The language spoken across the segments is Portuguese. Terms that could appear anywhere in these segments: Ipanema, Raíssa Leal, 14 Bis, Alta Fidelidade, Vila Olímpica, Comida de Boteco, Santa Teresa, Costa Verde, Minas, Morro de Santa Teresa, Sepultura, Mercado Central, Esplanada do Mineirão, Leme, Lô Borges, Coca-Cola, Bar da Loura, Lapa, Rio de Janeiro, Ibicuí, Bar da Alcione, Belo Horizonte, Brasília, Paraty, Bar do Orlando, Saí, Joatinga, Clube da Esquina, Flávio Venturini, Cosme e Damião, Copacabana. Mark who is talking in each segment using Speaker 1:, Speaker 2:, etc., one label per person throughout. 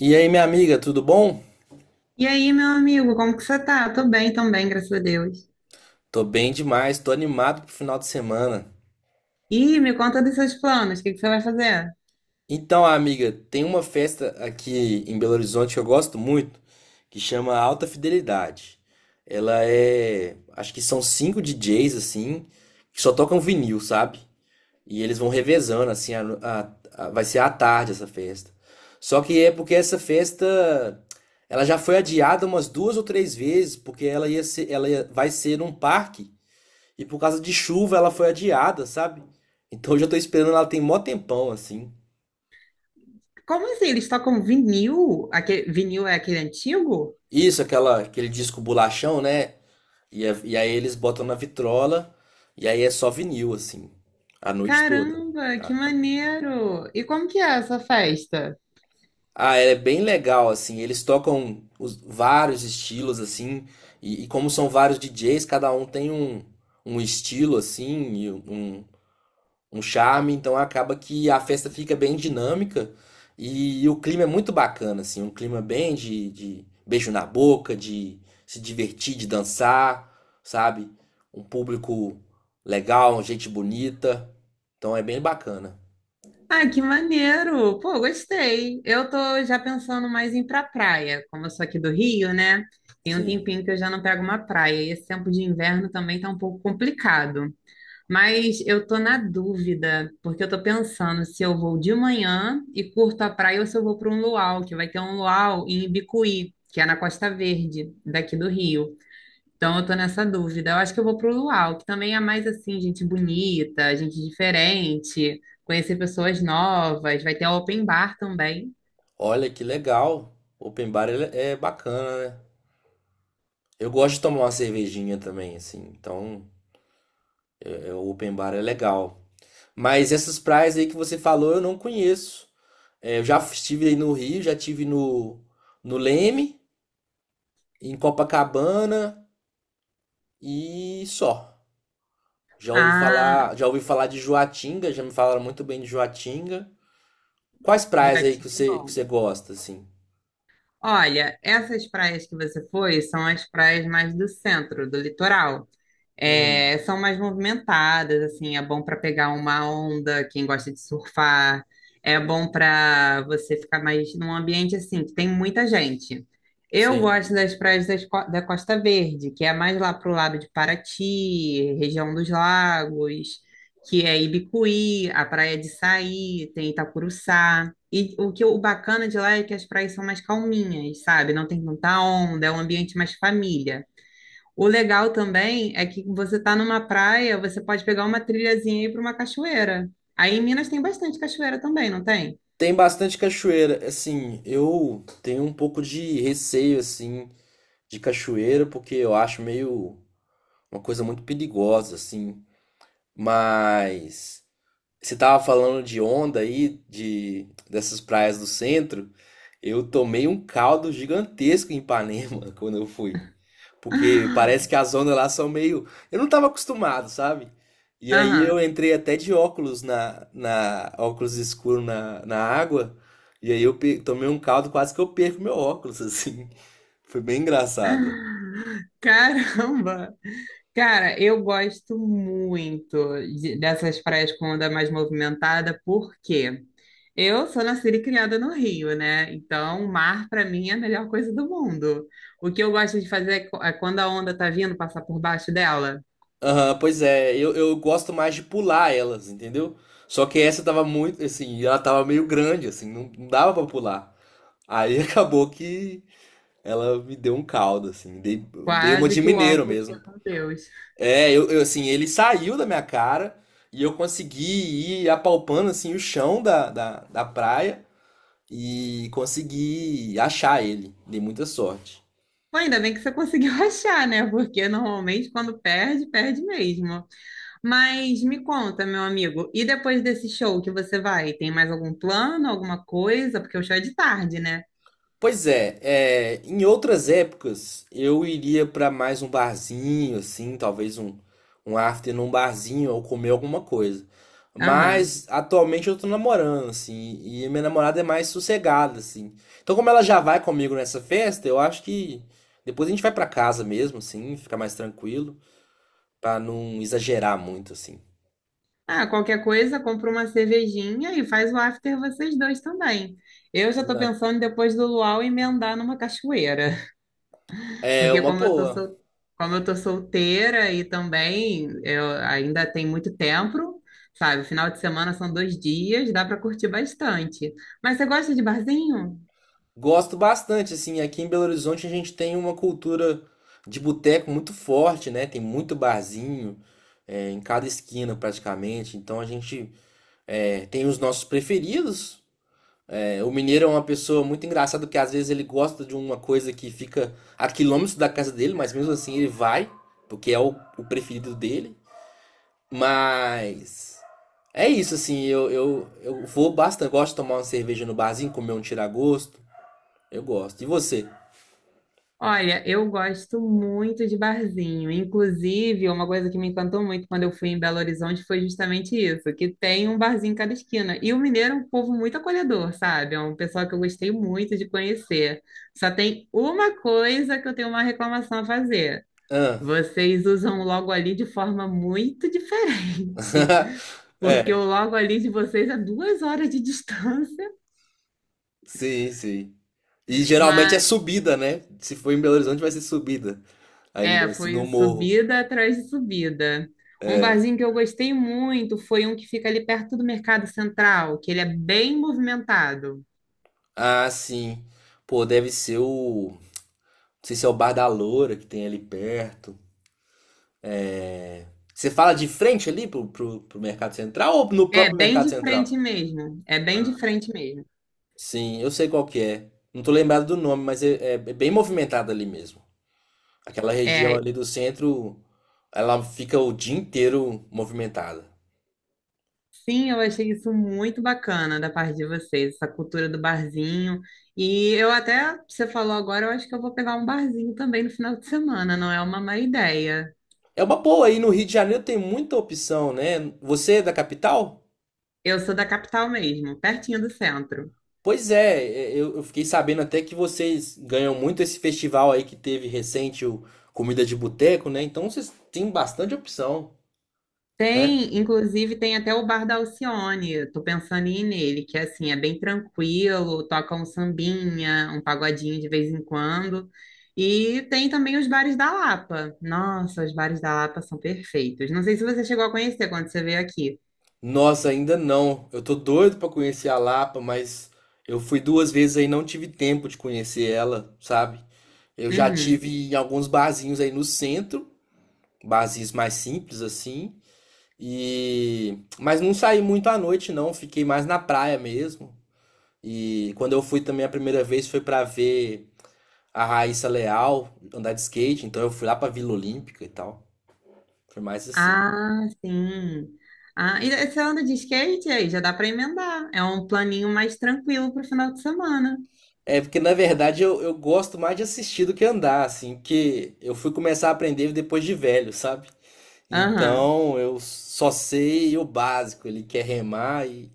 Speaker 1: E aí, minha amiga, tudo bom?
Speaker 2: E aí, meu amigo, como que você tá? Tô bem também, graças a Deus.
Speaker 1: Tô bem demais, tô animado pro final de semana.
Speaker 2: E me conta dos seus planos, o que que você vai fazer?
Speaker 1: Então, amiga, tem uma festa aqui em Belo Horizonte que eu gosto muito, que chama Alta Fidelidade. Ela é, acho que são cinco DJs assim, que só tocam vinil, sabe? E eles vão revezando assim, vai ser à tarde essa festa. Só que é porque essa festa, ela já foi adiada umas duas ou três vezes, porque ela ia ser, ela ia- vai ser num parque. E por causa de chuva ela foi adiada, sabe? Então hoje eu já tô esperando ela tem mó tempão, assim.
Speaker 2: Como assim? Eles tocam vinil? Aquele, vinil é aquele antigo?
Speaker 1: Isso, aquele disco bolachão, né? E aí eles botam na vitrola, e aí é só vinil, assim, a noite toda.
Speaker 2: Caramba, que
Speaker 1: Ah,
Speaker 2: maneiro! E como que é essa festa?
Speaker 1: é bem legal, assim, eles tocam vários estilos, assim, e como são vários DJs, cada um tem um estilo, assim, um charme, então acaba que a festa fica bem dinâmica e o clima é muito bacana, assim, um clima bem de beijo na boca, de se divertir, de dançar, sabe? Um público legal, gente bonita, então é bem bacana,
Speaker 2: Ah, que maneiro! Pô, gostei. Eu tô já pensando mais em ir pra praia, como eu sou aqui do Rio, né? Tem um
Speaker 1: sim.
Speaker 2: tempinho que eu já não pego uma praia e esse tempo de inverno também tá um pouco complicado. Mas eu tô na dúvida, porque eu tô pensando se eu vou de manhã e curto a praia ou se eu vou para um luau, que vai ter um luau em Ibicuí, que é na Costa Verde, daqui do Rio. Então eu tô nessa dúvida. Eu acho que eu vou pro luau, que também é mais assim, gente bonita, gente diferente, conhecer pessoas novas, vai ter open bar também.
Speaker 1: Olha que legal, é bacana, né? Eu gosto de tomar uma cervejinha também, assim, então o open bar é legal. Mas essas praias aí que você falou eu não conheço. É, eu já estive aí no Rio, já estive no Leme, em Copacabana e só.
Speaker 2: Ah,
Speaker 1: Já ouvi falar de Joatinga, já me falaram muito bem de Joatinga. Quais
Speaker 2: já
Speaker 1: praias aí que
Speaker 2: tive
Speaker 1: que
Speaker 2: bom.
Speaker 1: você gosta, assim?
Speaker 2: Olha, essas praias que você foi são as praias mais do centro, do litoral.
Speaker 1: Uhum,
Speaker 2: É, são mais movimentadas, assim, é bom para pegar uma onda, quem gosta de surfar, é bom para você ficar mais num ambiente assim, que tem muita gente. Eu
Speaker 1: sim.
Speaker 2: gosto das praias das da Costa Verde, que é mais lá pro lado de Paraty, região dos lagos, que é Ibicuí, a praia de Saí, tem Itacuruçá. E o que o bacana de lá é que as praias são mais calminhas, sabe? Não tem tanta onda, é um ambiente mais família. O legal também é que você tá numa praia, você pode pegar uma trilhazinha e ir para uma cachoeira. Aí em Minas tem bastante cachoeira também, não tem?
Speaker 1: Tem bastante cachoeira. Assim, eu tenho um pouco de receio, assim, de cachoeira, porque eu acho meio uma coisa muito perigosa, assim. Mas você tava falando de onda aí, de dessas praias do centro. Eu tomei um caldo gigantesco em Ipanema quando eu fui, porque parece que as ondas lá são meio, eu não tava acostumado, sabe? E
Speaker 2: Ah,
Speaker 1: aí eu
Speaker 2: aham.
Speaker 1: entrei até de óculos na óculos escuro na água, e aí eu tomei um caldo quase que eu perco meu óculos assim. Foi bem engraçado.
Speaker 2: Ah, caramba! Cara, eu gosto muito dessas praias com onda mais movimentada, porque eu sou nascida e criada no Rio, né? Então, o mar para mim é a melhor coisa do mundo. O que eu gosto de fazer é é quando a onda tá vindo, passar por baixo dela.
Speaker 1: Aham, pois é, eu gosto mais de pular elas, entendeu? Só que essa tava muito, assim, ela tava meio grande, assim, não dava pra pular. Aí acabou que ela me deu um caldo, assim, dei uma
Speaker 2: Quase
Speaker 1: de
Speaker 2: que o
Speaker 1: mineiro
Speaker 2: óculos foi
Speaker 1: mesmo.
Speaker 2: com Deus.
Speaker 1: Assim, ele saiu da minha cara e eu consegui ir apalpando, assim, o chão da praia e consegui achar ele. Dei muita sorte.
Speaker 2: Pô, ainda bem que você conseguiu achar, né? Porque normalmente quando perde, perde mesmo. Mas me conta, meu amigo, e depois desse show que você vai, tem mais algum plano, alguma coisa? Porque o show é de tarde, né?
Speaker 1: Pois é, é, em outras épocas eu iria pra mais um barzinho, assim, talvez um after num barzinho ou comer alguma coisa.
Speaker 2: Aham.
Speaker 1: Mas atualmente eu tô namorando, assim, e minha namorada é mais sossegada, assim. Então, como ela já vai comigo nessa festa, eu acho que depois a gente vai pra casa mesmo, assim, ficar mais tranquilo, pra não exagerar muito, assim.
Speaker 2: Ah, qualquer coisa, compra uma cervejinha e faz o after vocês dois também. Eu já
Speaker 1: Pois
Speaker 2: tô
Speaker 1: é.
Speaker 2: pensando em depois do luau emendar numa cachoeira.
Speaker 1: É
Speaker 2: Porque
Speaker 1: uma
Speaker 2: como eu
Speaker 1: boa.
Speaker 2: como eu tô solteira e também eu ainda tem muito tempo, sabe? Final de semana são 2 dias, dá para curtir bastante. Mas você gosta de barzinho?
Speaker 1: Gosto bastante, assim, aqui em Belo Horizonte a gente tem uma cultura de boteco muito forte, né? Tem muito barzinho, é, em cada esquina praticamente. Então a gente é, tem os nossos preferidos. É, o mineiro é uma pessoa muito engraçada, porque às vezes ele gosta de uma coisa que fica a quilômetros da casa dele, mas mesmo assim ele vai, porque é o preferido dele. Mas é isso, assim, eu vou bastante. Gosto de tomar uma cerveja no barzinho, comer um tiragosto. Eu gosto. E você?
Speaker 2: Olha, eu gosto muito de barzinho. Inclusive, uma coisa que me encantou muito quando eu fui em Belo Horizonte foi justamente isso, que tem um barzinho em cada esquina. E o mineiro é um povo muito acolhedor, sabe? É um pessoal que eu gostei muito de conhecer. Só tem uma coisa que eu tenho uma reclamação a fazer.
Speaker 1: Hã.
Speaker 2: Vocês usam o logo ali de forma muito diferente, porque
Speaker 1: É,
Speaker 2: o logo ali de vocês é 2 horas de distância,
Speaker 1: sim, sim. E geralmente é
Speaker 2: mas
Speaker 1: subida, né? Se for em Belo Horizonte vai ser subida. Ainda
Speaker 2: é,
Speaker 1: vai ser no
Speaker 2: foi
Speaker 1: morro.
Speaker 2: subida atrás de subida. Um barzinho que eu gostei muito foi um que fica ali perto do Mercado Central, que ele é bem movimentado.
Speaker 1: Ah, sim. Pô, deve ser o. Não sei se é o Bar da Loura que tem ali perto. Você fala de frente ali pro Mercado Central ou no
Speaker 2: É,
Speaker 1: próprio
Speaker 2: bem
Speaker 1: Mercado
Speaker 2: de frente
Speaker 1: Central?
Speaker 2: mesmo. É bem de frente mesmo.
Speaker 1: Sim, eu sei qual que é. Não tô lembrado do nome, mas é bem movimentado ali mesmo. Aquela região
Speaker 2: É,
Speaker 1: ali do centro, ela fica o dia inteiro movimentada.
Speaker 2: sim, eu achei isso muito bacana da parte de vocês, essa cultura do barzinho. E eu até, você falou agora, eu acho que eu vou pegar um barzinho também no final de semana, não é uma má ideia.
Speaker 1: É uma boa, aí no Rio de Janeiro tem muita opção, né? Você é da capital?
Speaker 2: Eu sou da capital mesmo, pertinho do centro.
Speaker 1: Pois é, é, eu fiquei sabendo até que vocês ganham muito esse festival aí que teve recente, o Comida de Boteco, né? Então vocês têm bastante opção, né?
Speaker 2: Tem, inclusive, tem até o Bar da Alcione, eu tô pensando em ir nele, que assim, é bem tranquilo, toca um sambinha, um pagodinho de vez em quando. E tem também os bares da Lapa. Nossa, os bares da Lapa são perfeitos. Não sei se você chegou a conhecer quando você veio aqui.
Speaker 1: Nossa, ainda não. Eu tô doido pra conhecer a Lapa, mas eu fui duas vezes aí e não tive tempo de conhecer ela, sabe? Eu já
Speaker 2: Uhum.
Speaker 1: tive em alguns barzinhos aí no centro, barzinhos mais simples assim. E mas não saí muito à noite não, fiquei mais na praia mesmo. E quando eu fui também a primeira vez foi pra ver a Raíssa Leal andar de skate, então eu fui lá pra Vila Olímpica e tal. Foi mais assim.
Speaker 2: Ah, sim. Ah, e você anda de skate aí? Já dá para emendar. É um planinho mais tranquilo para o final de semana.
Speaker 1: É porque na verdade eu gosto mais de assistir do que andar, assim, que eu fui começar a aprender depois de velho, sabe?
Speaker 2: Aham.
Speaker 1: Então eu só sei o básico, ele quer remar e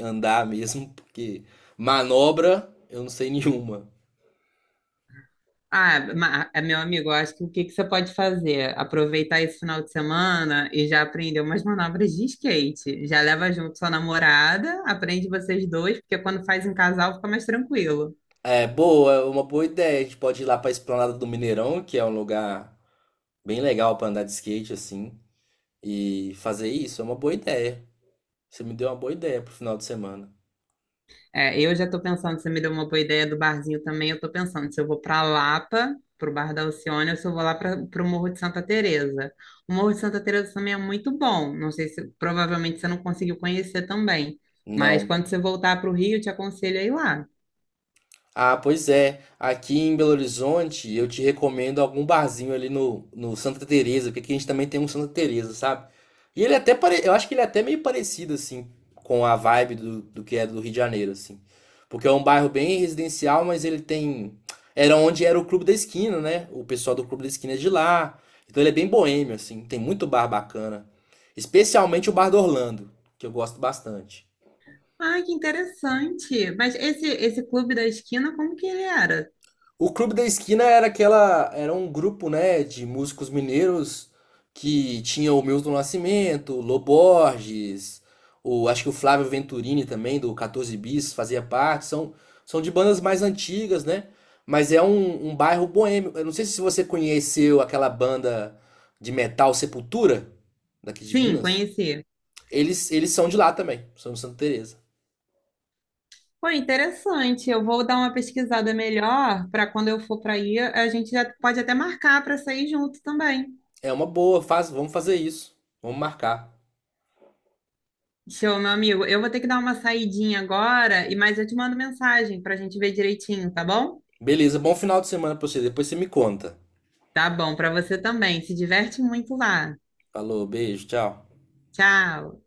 Speaker 1: andar mesmo, porque manobra eu não sei nenhuma.
Speaker 2: Ah, meu amigo, eu acho que o que que você pode fazer? Aproveitar esse final de semana e já aprender umas manobras de skate. Já leva junto sua namorada, aprende vocês dois, porque quando faz em casal fica mais tranquilo.
Speaker 1: É boa, é uma boa ideia. A gente pode ir lá pra Esplanada do Mineirão, que é um lugar bem legal pra andar de skate assim, e fazer isso. É uma boa ideia. Você me deu uma boa ideia pro final de semana.
Speaker 2: É, eu já tô pensando, você me deu uma boa ideia do barzinho também, eu tô pensando se eu vou pra Lapa, pro Bar da Alcione, ou se eu vou lá para pro Morro de Santa Teresa. O Morro de Santa Teresa também é muito bom, não sei se, provavelmente você não conseguiu conhecer também, mas
Speaker 1: Não.
Speaker 2: quando você voltar pro Rio, eu te aconselho a ir lá.
Speaker 1: Ah, pois é. Aqui em Belo Horizonte, eu te recomendo algum barzinho ali no Santa Teresa, porque aqui a gente também tem um Santa Teresa, sabe? E ele é até pare... eu acho que ele é até meio parecido assim com a vibe do que é do Rio de Janeiro, assim. Porque é um bairro bem residencial, mas ele tem era onde era o Clube da Esquina, né? O pessoal do Clube da Esquina é de lá. Então ele é bem boêmio assim, tem muito bar bacana, especialmente o Bar do Orlando, que eu gosto bastante.
Speaker 2: Ai, que interessante! Mas esse clube da esquina, como que ele era?
Speaker 1: O Clube da Esquina era aquela, era um grupo, né, de músicos mineiros que tinha o Milton Nascimento, o Lô Borges, o, acho que o Flávio Venturini também, do 14 Bis, fazia parte. São, são de bandas mais antigas, né? Mas é um bairro boêmio. Eu não sei se você conheceu aquela banda de metal Sepultura, daqui de
Speaker 2: Sim,
Speaker 1: Minas.
Speaker 2: conheci.
Speaker 1: Eles são de lá também, são de Santa Teresa.
Speaker 2: Foi interessante. Eu vou dar uma pesquisada melhor para quando eu for para aí, a gente já pode até marcar para sair junto também.
Speaker 1: É uma boa, faz, vamos fazer isso. Vamos marcar.
Speaker 2: Show, meu amigo. Eu vou ter que dar uma saidinha agora, e mas eu te mando mensagem para a gente ver direitinho, tá bom?
Speaker 1: Beleza, bom final de semana pra você. Depois você me conta.
Speaker 2: Tá bom, para você também. Se diverte muito lá.
Speaker 1: Falou, beijo, tchau.
Speaker 2: Tchau.